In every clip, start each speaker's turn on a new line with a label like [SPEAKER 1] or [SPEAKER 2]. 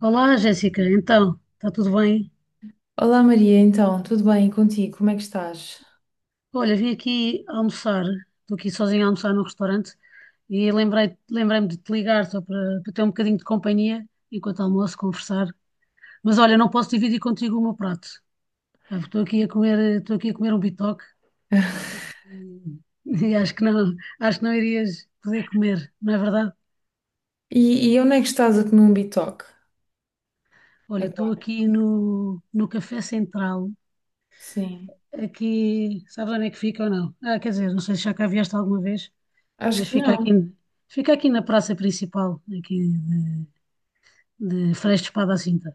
[SPEAKER 1] Olá, Jéssica. Então, está tudo bem?
[SPEAKER 2] Olá Maria, então, tudo bem contigo? Como é que estás?
[SPEAKER 1] Olha, vim aqui almoçar. Estou aqui sozinha a almoçar num restaurante e lembrei-me de te ligar só para ter um bocadinho de companhia enquanto almoço, conversar. Mas olha, não posso dividir contigo o meu prato. Estou aqui a comer um bitoque e, e acho que não irias poder comer, não é verdade?
[SPEAKER 2] E onde é que estás a comer um bitoque
[SPEAKER 1] Olha, estou
[SPEAKER 2] agora?
[SPEAKER 1] aqui no Café Central.
[SPEAKER 2] Sim,
[SPEAKER 1] Aqui, sabes onde é que fica ou não? Ah, quer dizer, não sei se já cá vieste alguma vez.
[SPEAKER 2] acho
[SPEAKER 1] Mas
[SPEAKER 2] que não.
[SPEAKER 1] fica aqui na praça principal, aqui de Freixo de Espada à Cinta.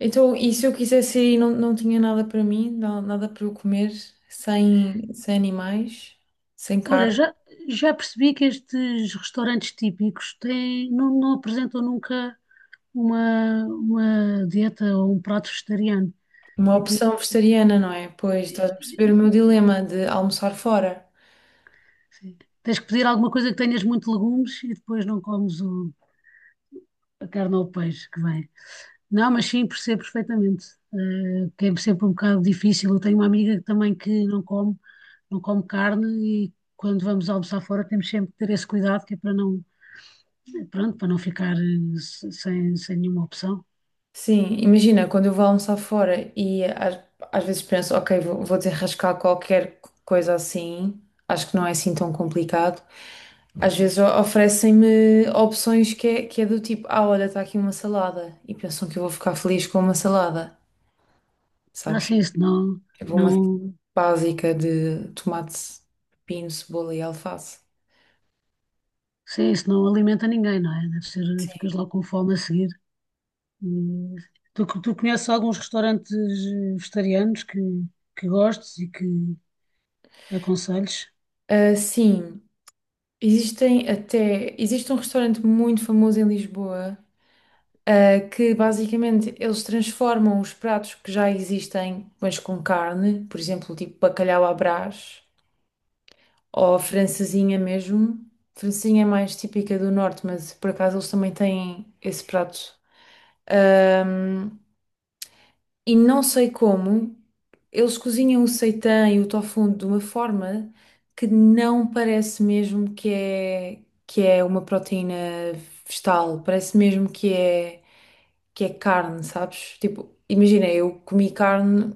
[SPEAKER 2] Então, e se eu quisesse ir e não tinha nada para mim, nada para eu comer, sem animais, sem
[SPEAKER 1] Olha,
[SPEAKER 2] carne?
[SPEAKER 1] já, já percebi que estes restaurantes típicos têm, não apresentam nunca uma dieta ou um prato vegetariano.
[SPEAKER 2] Uma
[SPEAKER 1] Aqui,
[SPEAKER 2] opção vegetariana, não é? Pois estás
[SPEAKER 1] eh,
[SPEAKER 2] a perceber
[SPEAKER 1] eh,
[SPEAKER 2] o meu dilema de almoçar fora.
[SPEAKER 1] sim. Tens que pedir alguma coisa que tenhas muito legumes e depois não comes a carne ou o peixe que vem. Não, mas sim, percebo perfeitamente. Que é sempre um bocado difícil. Eu tenho uma amiga também que não come, não come carne e quando vamos almoçar fora temos sempre que ter esse cuidado que é para não, pronto, para não ficar sem, sem nenhuma opção.
[SPEAKER 2] Sim, imagina, quando eu vou almoçar fora às vezes penso, ok, vou desenrascar qualquer coisa assim, acho que não é assim tão complicado. Às vezes oferecem-me opções que é do tipo, ah, olha, está aqui uma salada. E pensam que eu vou ficar feliz com uma salada,
[SPEAKER 1] Ah,
[SPEAKER 2] sabes?
[SPEAKER 1] sim, isso não,
[SPEAKER 2] Tipo uma
[SPEAKER 1] não,
[SPEAKER 2] básica de tomate, pepino, cebola e alface.
[SPEAKER 1] sim, isso não alimenta ninguém, não é? Deve ser, ficas logo com fome a seguir. E tu conheces alguns restaurantes vegetarianos que gostes e que aconselhes?
[SPEAKER 2] Ah, sim, existem até... Existe um restaurante muito famoso em Lisboa, ah, que basicamente eles transformam os pratos que já existem, mas com carne, por exemplo, tipo bacalhau à Brás. Ou a francesinha mesmo. Francesinha é mais típica do norte, mas por acaso eles também têm esse prato. Ahm, e não sei como, eles cozinham o seitã e o tofu de uma forma que não parece mesmo que é uma proteína vegetal. Parece mesmo que é carne, sabes? Tipo, imagina, eu comi carne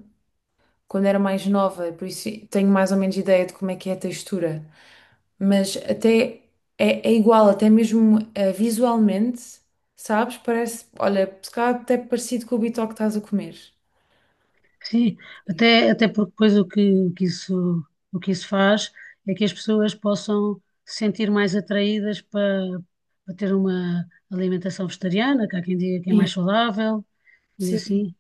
[SPEAKER 2] quando era mais nova, por isso tenho mais ou menos ideia de como é que é a textura. Mas até é igual, até mesmo visualmente, sabes? Parece, olha, se calhar até parecido com o bitoque que estás a comer.
[SPEAKER 1] Sim, até, até porque depois o o que isso faz é que as pessoas possam se sentir mais atraídas para, para ter uma alimentação vegetariana, que há quem diga que é
[SPEAKER 2] Sim,
[SPEAKER 1] mais saudável e
[SPEAKER 2] sim.
[SPEAKER 1] assim.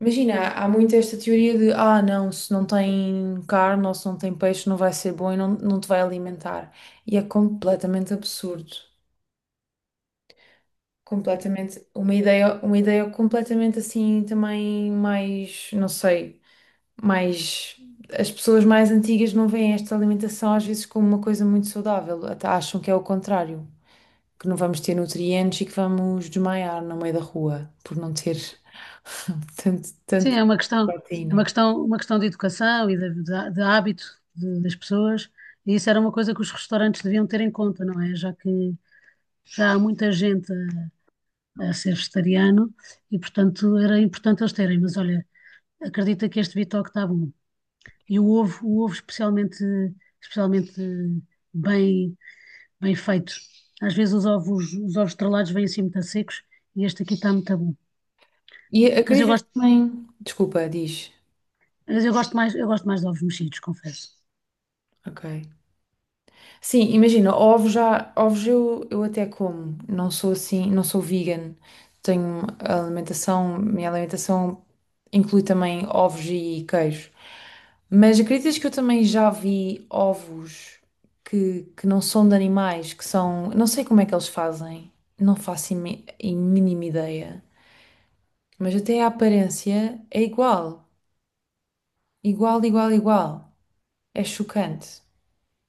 [SPEAKER 2] Imagina, há muito esta teoria de, ah, não, se não tem carne ou se não tem peixe não vai ser bom e não te vai alimentar. E é completamente absurdo. Completamente, uma ideia completamente assim também mais, não sei. Mas as pessoas mais antigas não veem esta alimentação às vezes como uma coisa muito saudável, até acham que é o contrário, que não vamos ter nutrientes e que vamos desmaiar no meio da rua por não ter
[SPEAKER 1] Sim,
[SPEAKER 2] tanto
[SPEAKER 1] é
[SPEAKER 2] proteína.
[SPEAKER 1] uma questão de educação e de hábito das pessoas, e isso era uma coisa que os restaurantes deviam ter em conta, não é? Já que já há muita gente a ser vegetariano e, portanto, era importante eles terem, mas olha, acredita que este bitoque está bom. E o ovo especialmente, especialmente bem, bem feito. Às vezes os ovos estrelados vêm assim muito secos e este aqui está muito bom.
[SPEAKER 2] E
[SPEAKER 1] Mas eu
[SPEAKER 2] acreditas que
[SPEAKER 1] gosto,
[SPEAKER 2] também. Desculpa, diz.
[SPEAKER 1] mas eu gosto mais de ovos mexidos, confesso.
[SPEAKER 2] Ok. Sim, imagina, eu até como, não sou vegan, minha alimentação inclui também ovos e queijo, mas acreditas que eu também já vi ovos que não são de animais, que são, não sei como é que eles fazem, não faço a mínima ideia, mas até a aparência é igual, igual, é chocante.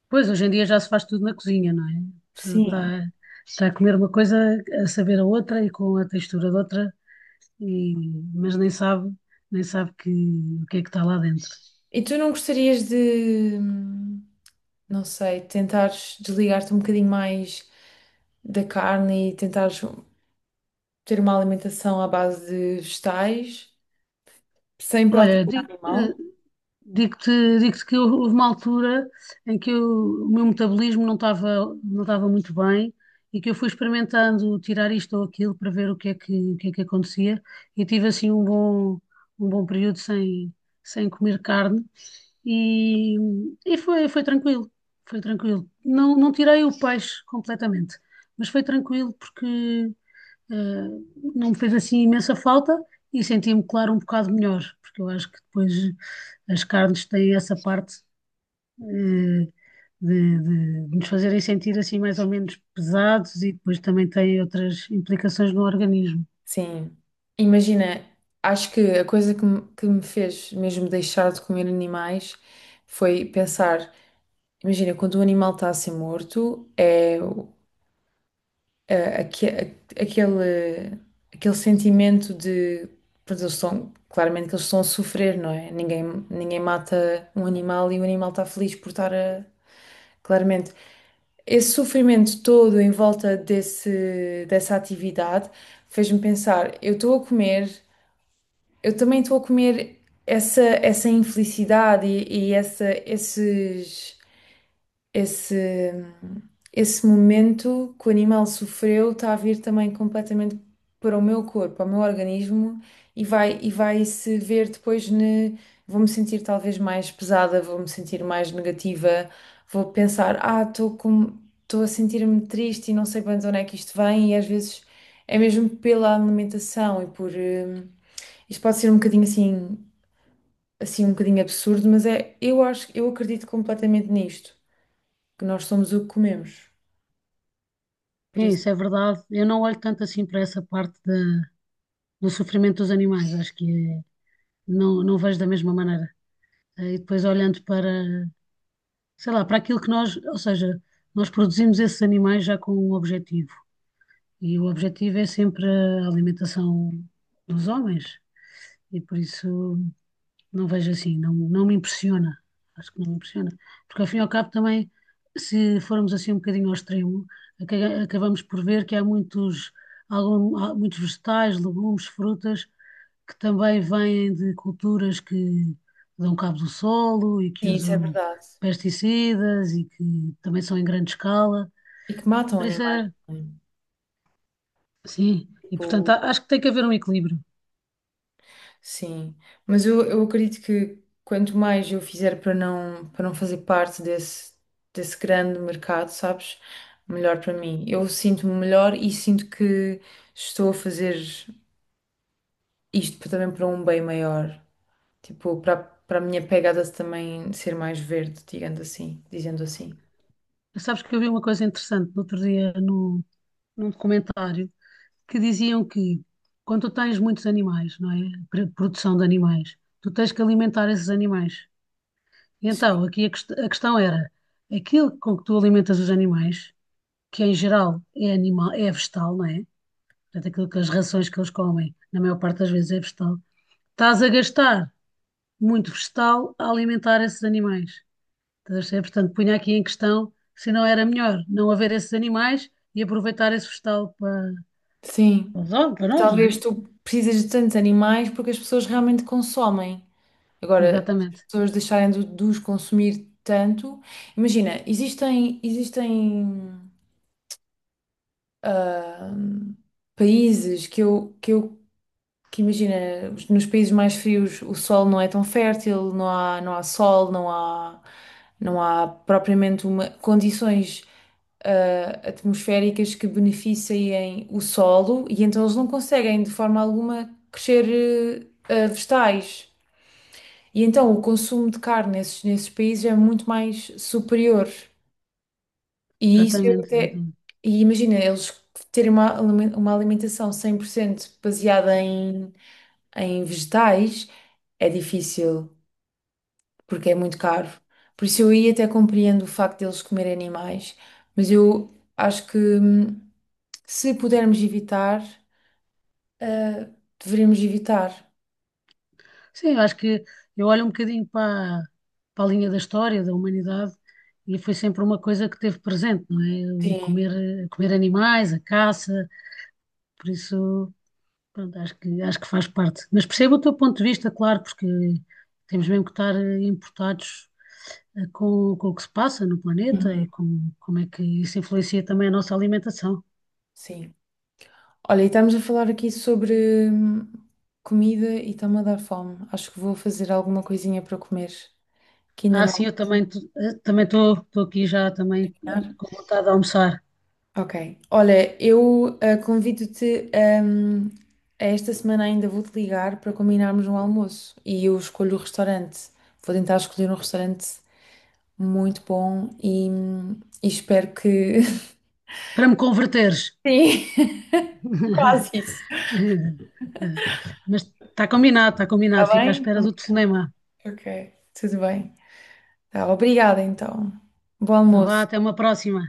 [SPEAKER 1] Pois, hoje em dia já se faz tudo na cozinha, não é? A pessoa
[SPEAKER 2] Sim.
[SPEAKER 1] está, está a comer uma coisa, a saber a outra e com a textura de outra, e, mas nem sabe, nem sabe que, o que é que está lá dentro.
[SPEAKER 2] E tu não gostarias de, não sei, tentares desligar-te um bocadinho mais da carne e tentares ter uma alimentação à base de vegetais, sem
[SPEAKER 1] Olha,
[SPEAKER 2] proteína animal?
[SPEAKER 1] digo-te, digo-te que houve uma altura em que o meu metabolismo não estava, não estava muito bem e que eu fui experimentando tirar isto ou aquilo para ver o que é que, o que é que acontecia e tive assim um bom período sem, sem comer carne e, e foi, foi tranquilo, foi tranquilo. Não, não tirei o peixe completamente, mas foi tranquilo porque eh, não me fez assim imensa falta e senti-me, claro, um bocado melhor, porque eu acho que depois as carnes têm essa parte, eh, de nos fazerem sentir assim mais ou menos pesados e depois também têm outras implicações no organismo.
[SPEAKER 2] Sim. Imagina, acho que a coisa que me fez mesmo deixar de comer animais foi pensar, imagina, quando o animal está a ser morto, é eh, aque- aquele, aquele sentimento de, pois eles estão, claramente que eles estão a sofrer, não é? Ninguém mata um animal e o animal está feliz por estar a, claramente. Esse sofrimento todo em volta dessa atividade fez-me pensar, eu estou a comer, eu também estou a comer essa infelicidade e essa, esses esse, esse momento que o animal sofreu está a vir também completamente para o meu corpo, ao meu organismo e vai se ver depois ne, vou-me sentir talvez mais pesada, vou-me sentir mais negativa, vou pensar, ah, estou a sentir-me triste e não sei bem de onde é que isto vem e às vezes é mesmo pela alimentação e por isto pode ser um bocadinho assim, assim um bocadinho absurdo, mas é, eu acho, eu acredito completamente nisto que nós somos o que comemos. Por
[SPEAKER 1] É
[SPEAKER 2] isso,
[SPEAKER 1] isso, é verdade. Eu não olho tanto assim para essa parte do sofrimento dos animais, acho que não, não vejo da mesma maneira. E depois olhando para, sei lá, para aquilo que nós, ou seja, nós produzimos esses animais já com um objetivo. E o objetivo é sempre a alimentação dos homens, e por isso não vejo assim, não, não me impressiona. Acho que não me impressiona. Porque ao fim e ao cabo também, se formos assim um bocadinho ao extremo, acabamos por ver que há muitos, algum, há muitos vegetais, legumes, frutas que também vêm de culturas que dão cabo do solo e que
[SPEAKER 2] sim, isso é
[SPEAKER 1] usam
[SPEAKER 2] verdade.
[SPEAKER 1] pesticidas e que também são em grande escala.
[SPEAKER 2] E que matam
[SPEAKER 1] Por isso
[SPEAKER 2] animais
[SPEAKER 1] é.
[SPEAKER 2] também.
[SPEAKER 1] Sim, e portanto
[SPEAKER 2] Tipo,
[SPEAKER 1] acho que tem que haver um equilíbrio.
[SPEAKER 2] sim. Mas eu acredito que quanto mais eu fizer para para não fazer parte desse grande mercado, sabes? Melhor para mim. Eu sinto-me melhor e sinto que estou a fazer isto também para um bem maior. Tipo, para, para a minha pegada também ser mais verde, digamos assim, dizendo assim.
[SPEAKER 1] Sabes que eu vi uma coisa interessante no outro dia no num documentário que diziam que quando tu tens muitos animais, não é? Produção de animais, tu tens que alimentar esses animais. E então aqui a questão era aquilo com que tu alimentas os animais, que em geral é animal, é vegetal, não é? Portanto, aquilo que as rações que eles comem, na maior parte das vezes é vegetal, estás a gastar muito vegetal a alimentar esses animais. Estás a perceber? Portanto, punha aqui em questão se não era melhor não haver esses animais e aproveitar esse vegetal para,
[SPEAKER 2] Sim.
[SPEAKER 1] para os homens, para nós, não é?
[SPEAKER 2] Talvez tu precisas de tantos animais porque as pessoas realmente consomem. Agora, se as
[SPEAKER 1] Exatamente,
[SPEAKER 2] pessoas deixarem de os consumir tanto. Imagina, existem ah, países que eu que imagina, nos países mais frios o solo não é tão fértil, não há sol, não há propriamente uma, condições atmosféricas que beneficiem o solo e então eles não conseguem de forma alguma crescer vegetais. E então o consumo de carne nesses países é muito mais superior. E isso eu
[SPEAKER 1] exatamente,
[SPEAKER 2] até.
[SPEAKER 1] exatamente.
[SPEAKER 2] E imagina, eles terem uma, uma alimentação 100% baseada em, em vegetais é difícil, porque é muito caro. Por isso eu aí até compreendo o facto deles comerem animais, mas eu acho que se pudermos evitar, deveríamos evitar.
[SPEAKER 1] Sim, eu acho que eu olho um bocadinho para, para a linha da história da humanidade e foi sempre uma coisa que teve presente, não é? O
[SPEAKER 2] Sim.
[SPEAKER 1] comer, comer animais, a caça, por isso. Pronto, acho que faz parte. Mas percebo o teu ponto de vista, claro, porque temos mesmo que estar importados com o que se passa no planeta
[SPEAKER 2] Uhum.
[SPEAKER 1] e com, como é que isso influencia também a nossa alimentação.
[SPEAKER 2] Sim. Olha, e estamos a falar aqui sobre comida e está-me a dar fome. Acho que vou fazer alguma coisinha para comer, que ainda
[SPEAKER 1] Ah, sim, eu também também estou aqui já também
[SPEAKER 2] não.
[SPEAKER 1] com vontade de almoçar,
[SPEAKER 2] Ok. Olha, convido-te, a esta semana ainda vou-te ligar para combinarmos um almoço e eu escolho o restaurante. Vou tentar escolher um restaurante muito bom e espero que.
[SPEAKER 1] para me converteres.
[SPEAKER 2] Sim, quase isso.
[SPEAKER 1] Mas está combinado, está combinado.
[SPEAKER 2] Está
[SPEAKER 1] Fica à
[SPEAKER 2] bem?
[SPEAKER 1] espera do telefonema.
[SPEAKER 2] Ok, tudo bem. Tá, obrigada então. Bom
[SPEAKER 1] Tá vá,
[SPEAKER 2] almoço.
[SPEAKER 1] até uma próxima.